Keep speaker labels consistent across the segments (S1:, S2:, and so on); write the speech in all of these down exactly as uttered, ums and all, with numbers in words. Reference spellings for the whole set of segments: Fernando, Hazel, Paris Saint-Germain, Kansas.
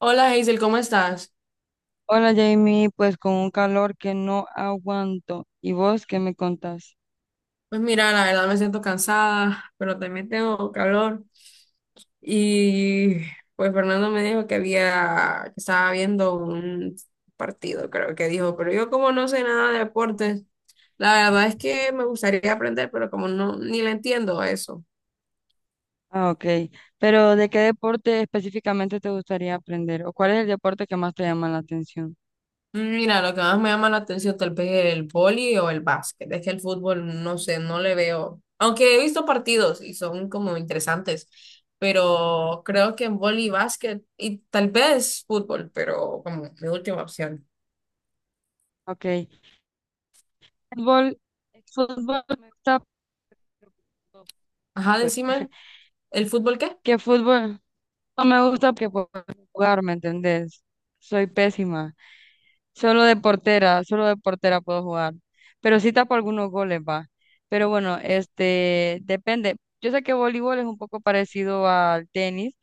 S1: Hola Hazel, ¿cómo estás?
S2: Hola Jamie, pues con un calor que no aguanto. ¿Y vos qué me contás?
S1: Pues mira, la verdad me siento cansada, pero también tengo calor. Y pues Fernando me dijo que había, que estaba viendo un partido, creo que dijo, pero yo como no sé nada de deportes, la verdad es que me gustaría aprender, pero como no, ni le entiendo a eso.
S2: Ah, ok. Pero ¿de qué deporte específicamente te gustaría aprender? ¿O cuál es el deporte que más te llama la atención?
S1: Mira, lo que más me llama la atención tal vez el vóley o el básquet. Es que el fútbol, no sé, no le veo. Aunque he visto partidos y son como interesantes, pero creo que en vóley y básquet y tal vez fútbol, pero como mi última opción.
S2: Ok. Fútbol, fútbol me gusta, pero,
S1: Ajá,
S2: pues,
S1: decime, ¿el fútbol qué?
S2: ¿qué fútbol? No me gusta porque puedo jugar, ¿me entendés? Soy pésima. Solo de portera, solo de portera puedo jugar. Pero sí tapo algunos goles, va. Pero bueno, este, depende. Yo sé que voleibol es un poco parecido al tenis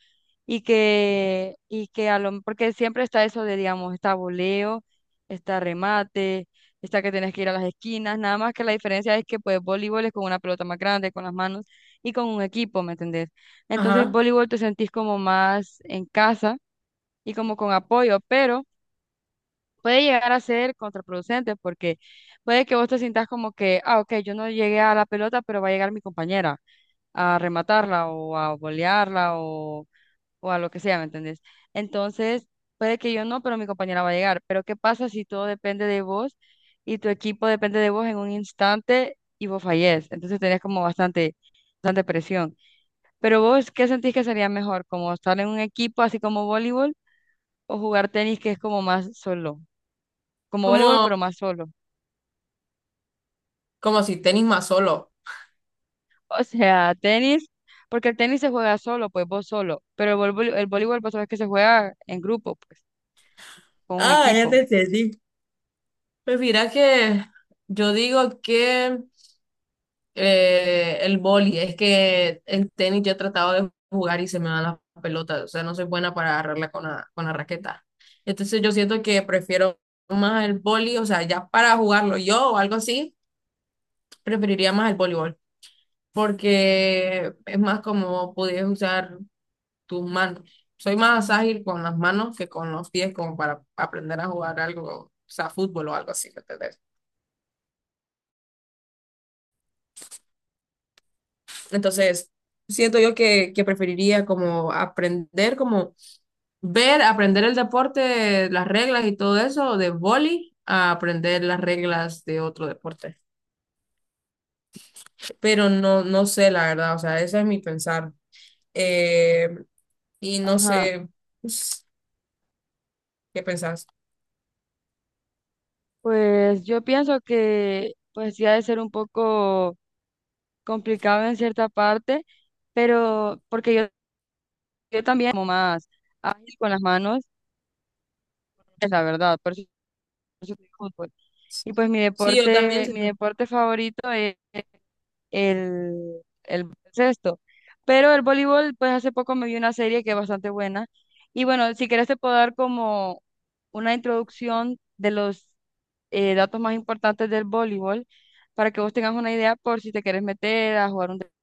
S2: y que, y que a lo, porque siempre está eso de, digamos, está voleo, está remate, está que tienes que ir a las esquinas, nada más que la diferencia es que pues voleibol es con una pelota más grande, con las manos y con un equipo, ¿me entendés? Entonces
S1: Ajá,
S2: voleibol te sentís como más en casa y como con apoyo, pero puede llegar a ser contraproducente porque puede que vos te sientas como que, ah, ok, yo no llegué a la pelota, pero va a llegar mi compañera a rematarla o a volearla o, o a lo que sea, ¿me entendés? Entonces, puede que yo no, pero mi compañera va a llegar. Pero ¿qué pasa si todo depende de vos y tu equipo depende de vos en un instante y vos fallés? Entonces tenés como bastante, bastante presión. Pero vos, ¿qué sentís que sería mejor? ¿Como estar en un equipo así como voleibol o jugar tenis que es como más solo? Como voleibol, pero
S1: como,
S2: más solo.
S1: como si tenis más solo.
S2: O sea, tenis, porque el tenis se juega solo, pues vos solo, pero el, volvo- el voleibol vos sabés que se juega en grupo, pues, con un
S1: Ah, ya te
S2: equipo.
S1: entendí. Pues mira que yo digo que eh, el boli, es que en tenis yo he tratado de jugar y se me van las pelotas, o sea, no soy buena para agarrarla con la, con la raqueta. Entonces yo siento que prefiero más el boli, o sea, ya para jugarlo yo o algo así, preferiría más el voleibol, porque es más como pudieras usar tus manos. Soy más ágil con las manos que con los pies, como para aprender a jugar algo, o sea, fútbol o algo así, ¿me entendés? Entonces, siento yo que, que preferiría como aprender como ver, aprender el deporte, las reglas y todo eso de vóley, a aprender las reglas de otro deporte. Pero no, no sé, la verdad, o sea, ese es mi pensar. Eh, y no
S2: Ajá.
S1: sé, pues, ¿qué pensás?
S2: Pues yo pienso que pues sí ha de ser un poco complicado en cierta parte, pero porque yo, yo también como más ágil con las manos, es la verdad, por eso, por eso juego fútbol. Y pues mi
S1: Sí, yo también.
S2: deporte, mi deporte favorito es el, el baloncesto. Pero el voleibol, pues hace poco me vi una serie que es bastante buena. Y bueno, si quieres te puedo dar como una introducción de los eh, datos más importantes del voleibol para que vos tengas una idea por si te quieres meter a jugar un deporte.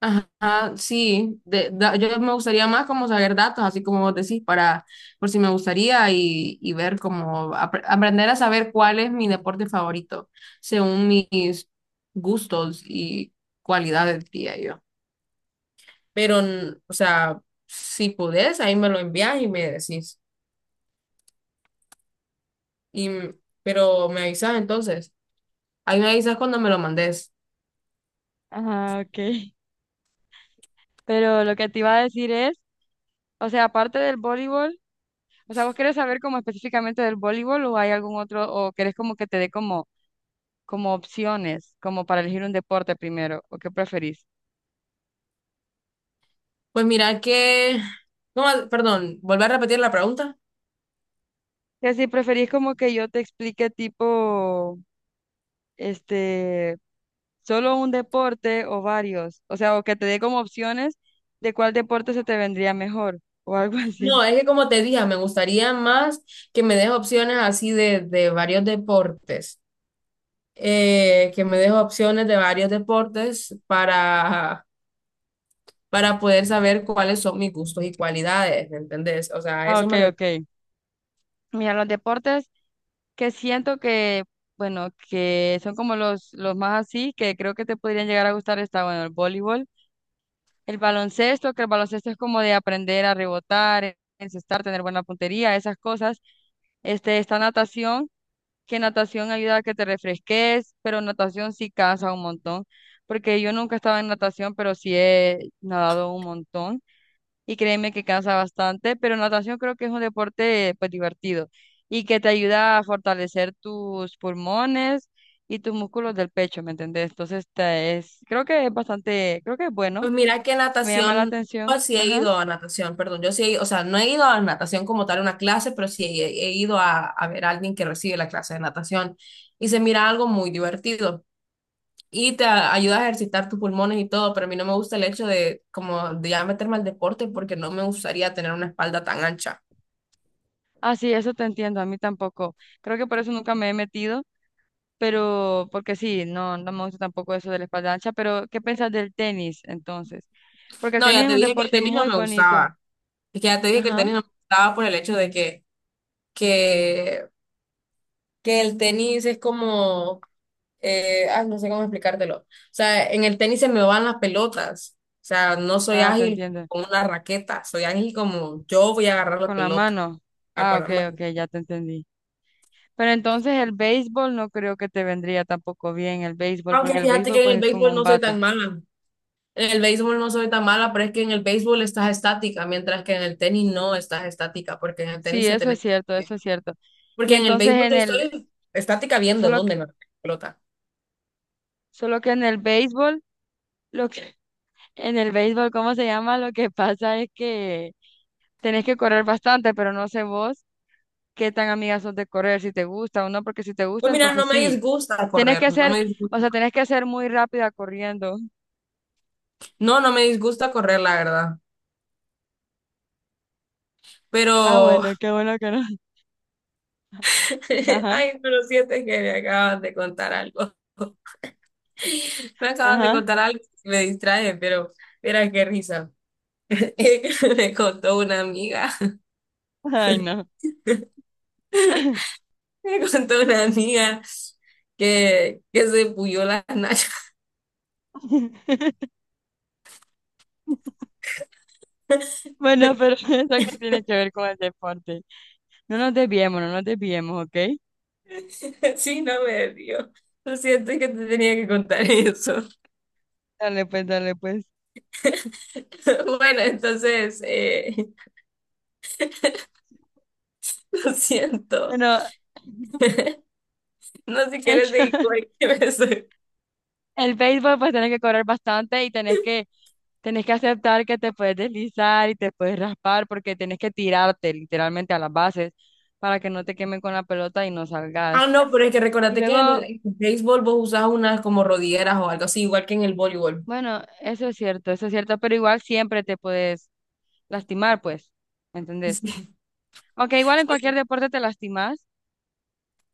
S1: Ajá, sí, de- da- yo me gustaría más como saber datos, así como vos decís, para, por si me gustaría y, y ver cómo apre- aprender a saber cuál es mi deporte favorito, según mis gustos y cualidades, diría yo. Pero, n- o sea, si podés, ahí me lo envías y me decís. Y, m- pero me avisas entonces, ahí me avisas cuando me lo mandes.
S2: Ajá, ok. Pero lo que te iba a decir es, o sea, aparte del voleibol, o sea, ¿vos querés saber como específicamente del voleibol o hay algún otro, o querés como que te dé como, como opciones, como para elegir un deporte primero, o qué preferís?
S1: Pues mira que, no, perdón, volver a repetir la pregunta.
S2: Y así preferís como que yo te explique tipo, este, solo un deporte o varios, o sea, o que te dé como opciones de cuál deporte se te vendría mejor o algo
S1: No,
S2: así.
S1: es que como te dije, me gustaría más que me des opciones así de, de varios deportes, eh, que me des opciones de varios deportes para, para poder saber cuáles son mis gustos y cualidades, ¿me entendés? O sea, a
S2: Ah,
S1: eso
S2: ok,
S1: me refiero.
S2: ok. Mira, los deportes que siento que, bueno, que son como los, los más así, que creo que te podrían llegar a gustar, está, bueno, el voleibol, el baloncesto, que el baloncesto es como de aprender a rebotar, encestar, tener buena puntería, esas cosas. Este, está natación que natación ayuda a que te refresques, pero natación sí cansa un montón, porque yo nunca estaba en natación, pero sí he nadado un montón y créeme que cansa bastante, pero natación creo que es un deporte pues divertido y que te ayuda a fortalecer tus pulmones y tus músculos del pecho, ¿me entendés? Entonces te es, creo que es bastante, creo que es bueno,
S1: Pues mira que
S2: me llama la
S1: natación,
S2: atención,
S1: yo sí he
S2: ajá.
S1: ido a natación, perdón, yo sí he ido, o sea, no he ido a natación como tal una clase, pero sí he, he ido a, a ver a alguien que recibe la clase de natación y se mira algo muy divertido. Y te a- ayuda a ejercitar tus pulmones y todo, pero a mí no me gusta el hecho de como de ya meterme al deporte porque no me gustaría tener una espalda tan ancha.
S2: Ah, sí, eso te entiendo, a mí tampoco. Creo que por eso nunca me he metido pero porque sí, no, no me gusta tampoco eso de la espalda ancha, pero ¿qué pensás del tenis entonces? Porque el
S1: No,
S2: tenis
S1: ya
S2: es
S1: te
S2: un
S1: dije que el
S2: deporte
S1: tenis no
S2: muy
S1: me
S2: bonito.
S1: gustaba. Es que ya te dije que el
S2: Ajá.
S1: tenis no me gustaba por el hecho de que, que, que el tenis es como, eh, ah, no sé cómo explicártelo. O sea, en el tenis se me van las pelotas. O sea, no soy
S2: Ah, te
S1: ágil
S2: entiendo.
S1: con una raqueta, soy ágil como yo voy a agarrar la
S2: Con la
S1: pelota.
S2: mano.
S1: La
S2: Ah,
S1: cual
S2: ok, ok, ya te entendí. Pero entonces el béisbol no creo que te vendría tampoco bien el béisbol,
S1: aunque
S2: porque el
S1: fíjate
S2: béisbol
S1: que en el
S2: pues es con
S1: béisbol
S2: un
S1: no soy
S2: bate.
S1: tan mala. En el béisbol no soy tan mala, pero es que en el béisbol estás estática, mientras que en el tenis no estás estática, porque en el
S2: Sí,
S1: tenis se
S2: eso es
S1: tenés.
S2: cierto, eso es cierto. Y
S1: Porque en el
S2: entonces
S1: béisbol
S2: en
S1: yo
S2: el,
S1: estoy estática viendo
S2: solo
S1: dónde
S2: que,
S1: me pelota.
S2: solo que en el béisbol, lo que, en el béisbol, ¿cómo se llama? Lo que pasa es que tenés que correr bastante, pero no sé vos, qué tan amigas sos de correr, si te gusta o no, porque si te
S1: Pues
S2: gusta,
S1: mira,
S2: entonces
S1: no me
S2: sí,
S1: disgusta
S2: tenés
S1: correr,
S2: que
S1: no
S2: ser,
S1: me disgusta.
S2: o sea, tenés que ser muy rápida corriendo.
S1: No, no me disgusta correr, la verdad.
S2: Ah,
S1: Pero,
S2: bueno, qué bueno que no.
S1: ay, pero siento que me acaban de contar algo. Me acaban de
S2: Ajá, ajá,
S1: contar algo que me distrae, pero mira qué risa. Me contó una amiga.
S2: ay, no.
S1: Me contó una amiga que, que se puyó las nachas.
S2: Bueno, pero ¿eso que tiene que ver con el deporte? No nos desviemos, no nos desviemos, ¿ok?
S1: Sí, no me dio. Lo siento, es que te tenía que contar eso.
S2: Dale pues, dale pues.
S1: Bueno, entonces, eh, lo siento.
S2: Bueno,
S1: No sé si quieres seguir con el que me soy.
S2: el béisbol pues tenés que correr bastante y tenés que Tenés que aceptar que te puedes deslizar y te puedes raspar porque tenés que tirarte literalmente a las bases para que no te quemen con la pelota y no
S1: Ah,
S2: salgas.
S1: no, pero es que
S2: Y
S1: recordate que en
S2: luego,
S1: el béisbol vos usás unas como rodilleras o algo así, igual que en el voleibol.
S2: bueno, eso es cierto, eso es cierto, pero igual siempre te puedes lastimar, pues, ¿me entendés? Aunque igual en cualquier
S1: Sí.
S2: deporte te lastimas,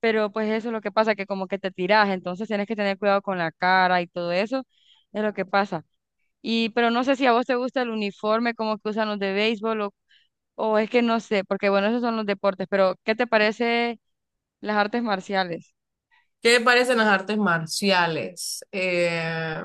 S2: pero pues eso es lo que pasa, que como que te tiras, entonces tienes que tener cuidado con la cara y todo eso, es lo que pasa. Y, pero no sé si a vos te gusta el uniforme como que usan los de béisbol o O es que no sé, porque bueno, esos son los deportes, pero ¿qué te parece las artes marciales?
S1: ¿Qué me parecen las artes marciales? Eh,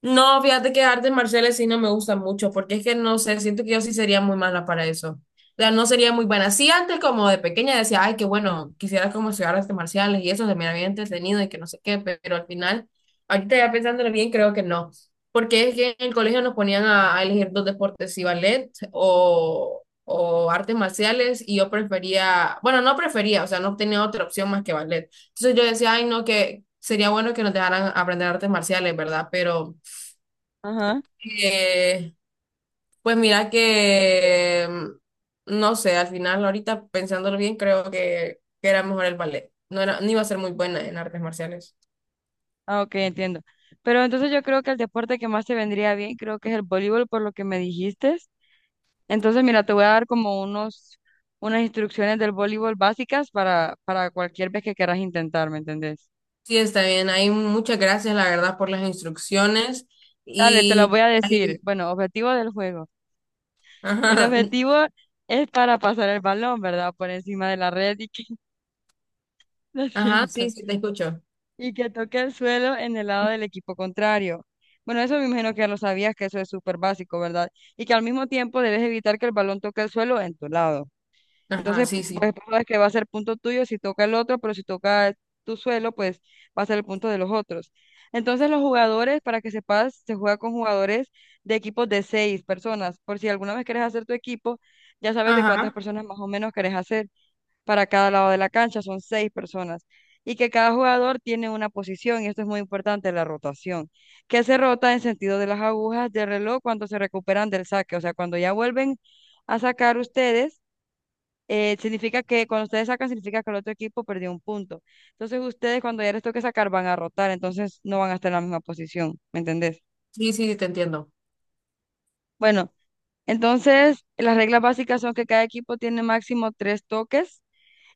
S1: No, fíjate que artes marciales sí no me gusta mucho, porque es que no sé, siento que yo sí sería muy mala para eso. O sea, no sería muy buena. Sí, antes como de pequeña decía, ay, qué bueno, quisiera como estudiar artes marciales y eso se me había entretenido y que no sé qué, pe- pero al final, ahorita ya pensándolo bien, creo que no. Porque es que en el colegio nos ponían a, a elegir dos deportes, si ballet o, o artes marciales, y yo prefería, bueno, no prefería, o sea, no tenía otra opción más que ballet. Entonces yo decía, ay, no, que sería bueno que nos dejaran aprender artes marciales, ¿verdad? Pero...
S2: Ajá.
S1: Eh, pues mira que, mm, no sé, al final ahorita pensándolo bien, creo que, que era mejor el ballet. No era, no iba a ser muy buena en artes marciales.
S2: Ah, ok, entiendo. Pero entonces yo creo que el deporte que más te vendría bien, creo que es el voleibol, por lo que me dijiste. Entonces, mira, te voy a dar como unos, unas instrucciones del voleibol básicas para, para cualquier vez que quieras intentar, ¿me entendés?
S1: Sí, está bien. Hay muchas gracias, la verdad, por las instrucciones.
S2: Dale, te las
S1: Y,
S2: voy a decir.
S1: ahí-
S2: Bueno, objetivo del juego. El
S1: ajá,
S2: objetivo es para pasar el balón, ¿verdad? Por encima de la red y que lo
S1: ajá, sí,
S2: siento.
S1: sí, te escucho.
S2: Y que toque el suelo en el lado del equipo contrario. Bueno, eso me imagino que ya lo sabías, que eso es súper básico, ¿verdad? Y que al mismo tiempo debes evitar que el balón toque el suelo en tu lado.
S1: Ajá,
S2: Entonces,
S1: sí,
S2: pu-
S1: sí.
S2: pues tú sabes que va a ser punto tuyo si toca el otro, pero si toca tu suelo, pues va a ser el punto de los otros. Entonces, los jugadores, para que sepas, se juega con jugadores de equipos de seis personas. Por si alguna vez quieres hacer tu equipo, ya sabes de cuántas
S1: Ajá,
S2: personas más o menos querés hacer para cada lado de la cancha, son seis personas, y que cada jugador tiene una posición, y esto es muy importante, la rotación, que se rota en sentido de las agujas del reloj cuando se recuperan del saque, o sea, cuando ya vuelven a sacar ustedes, eh, significa que cuando ustedes sacan, significa que el otro equipo perdió un punto. Entonces ustedes cuando ya les toque sacar van a rotar, entonces no van a estar en la misma posición, ¿me entendés?
S1: sí, sí, te entiendo.
S2: Bueno, entonces las reglas básicas son que cada equipo tiene máximo tres toques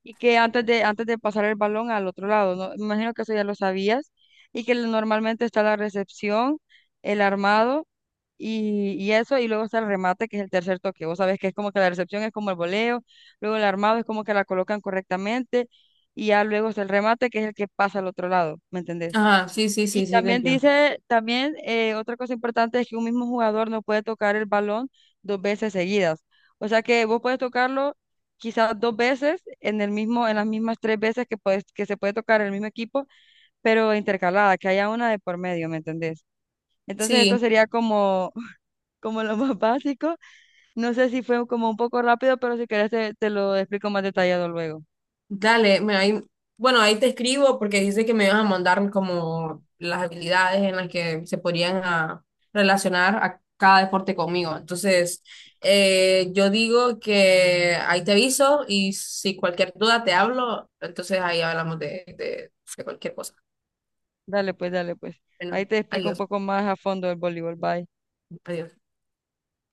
S2: y que antes de, antes de pasar el balón al otro lado, ¿no? Me imagino que eso ya lo sabías, y que normalmente está la recepción, el armado y, y eso, y luego está el remate, que es el tercer toque. Vos sabés que es como que la recepción es como el voleo, luego el armado es como que la colocan correctamente, y ya luego está el remate, que es el que pasa al otro lado, ¿me entendés?
S1: Ajá, sí, sí,
S2: Y
S1: sí, sí, te
S2: también
S1: entiendo.
S2: dice, también eh, otra cosa importante es que un mismo jugador no puede tocar el balón dos veces seguidas. O sea que vos puedes tocarlo quizás dos veces en el mismo, en las mismas tres veces que puedes, que se puede tocar el mismo equipo, pero intercalada, que haya una de por medio, ¿me entendés? Entonces esto
S1: Sí.
S2: sería como, como lo más básico. No sé si fue como un poco rápido, pero si querés te, te lo explico más detallado luego.
S1: Dale, me, ahí, bueno, ahí te escribo porque dice que me vas a mandar como las habilidades en las que se podrían a- relacionar a cada deporte conmigo. Entonces, eh, yo digo que ahí te aviso y si cualquier duda te hablo, entonces ahí hablamos de, de de cualquier cosa.
S2: Dale pues, dale pues. Ahí
S1: Bueno,
S2: te explico un
S1: adiós,
S2: poco más a fondo el voleibol. Bye.
S1: adiós.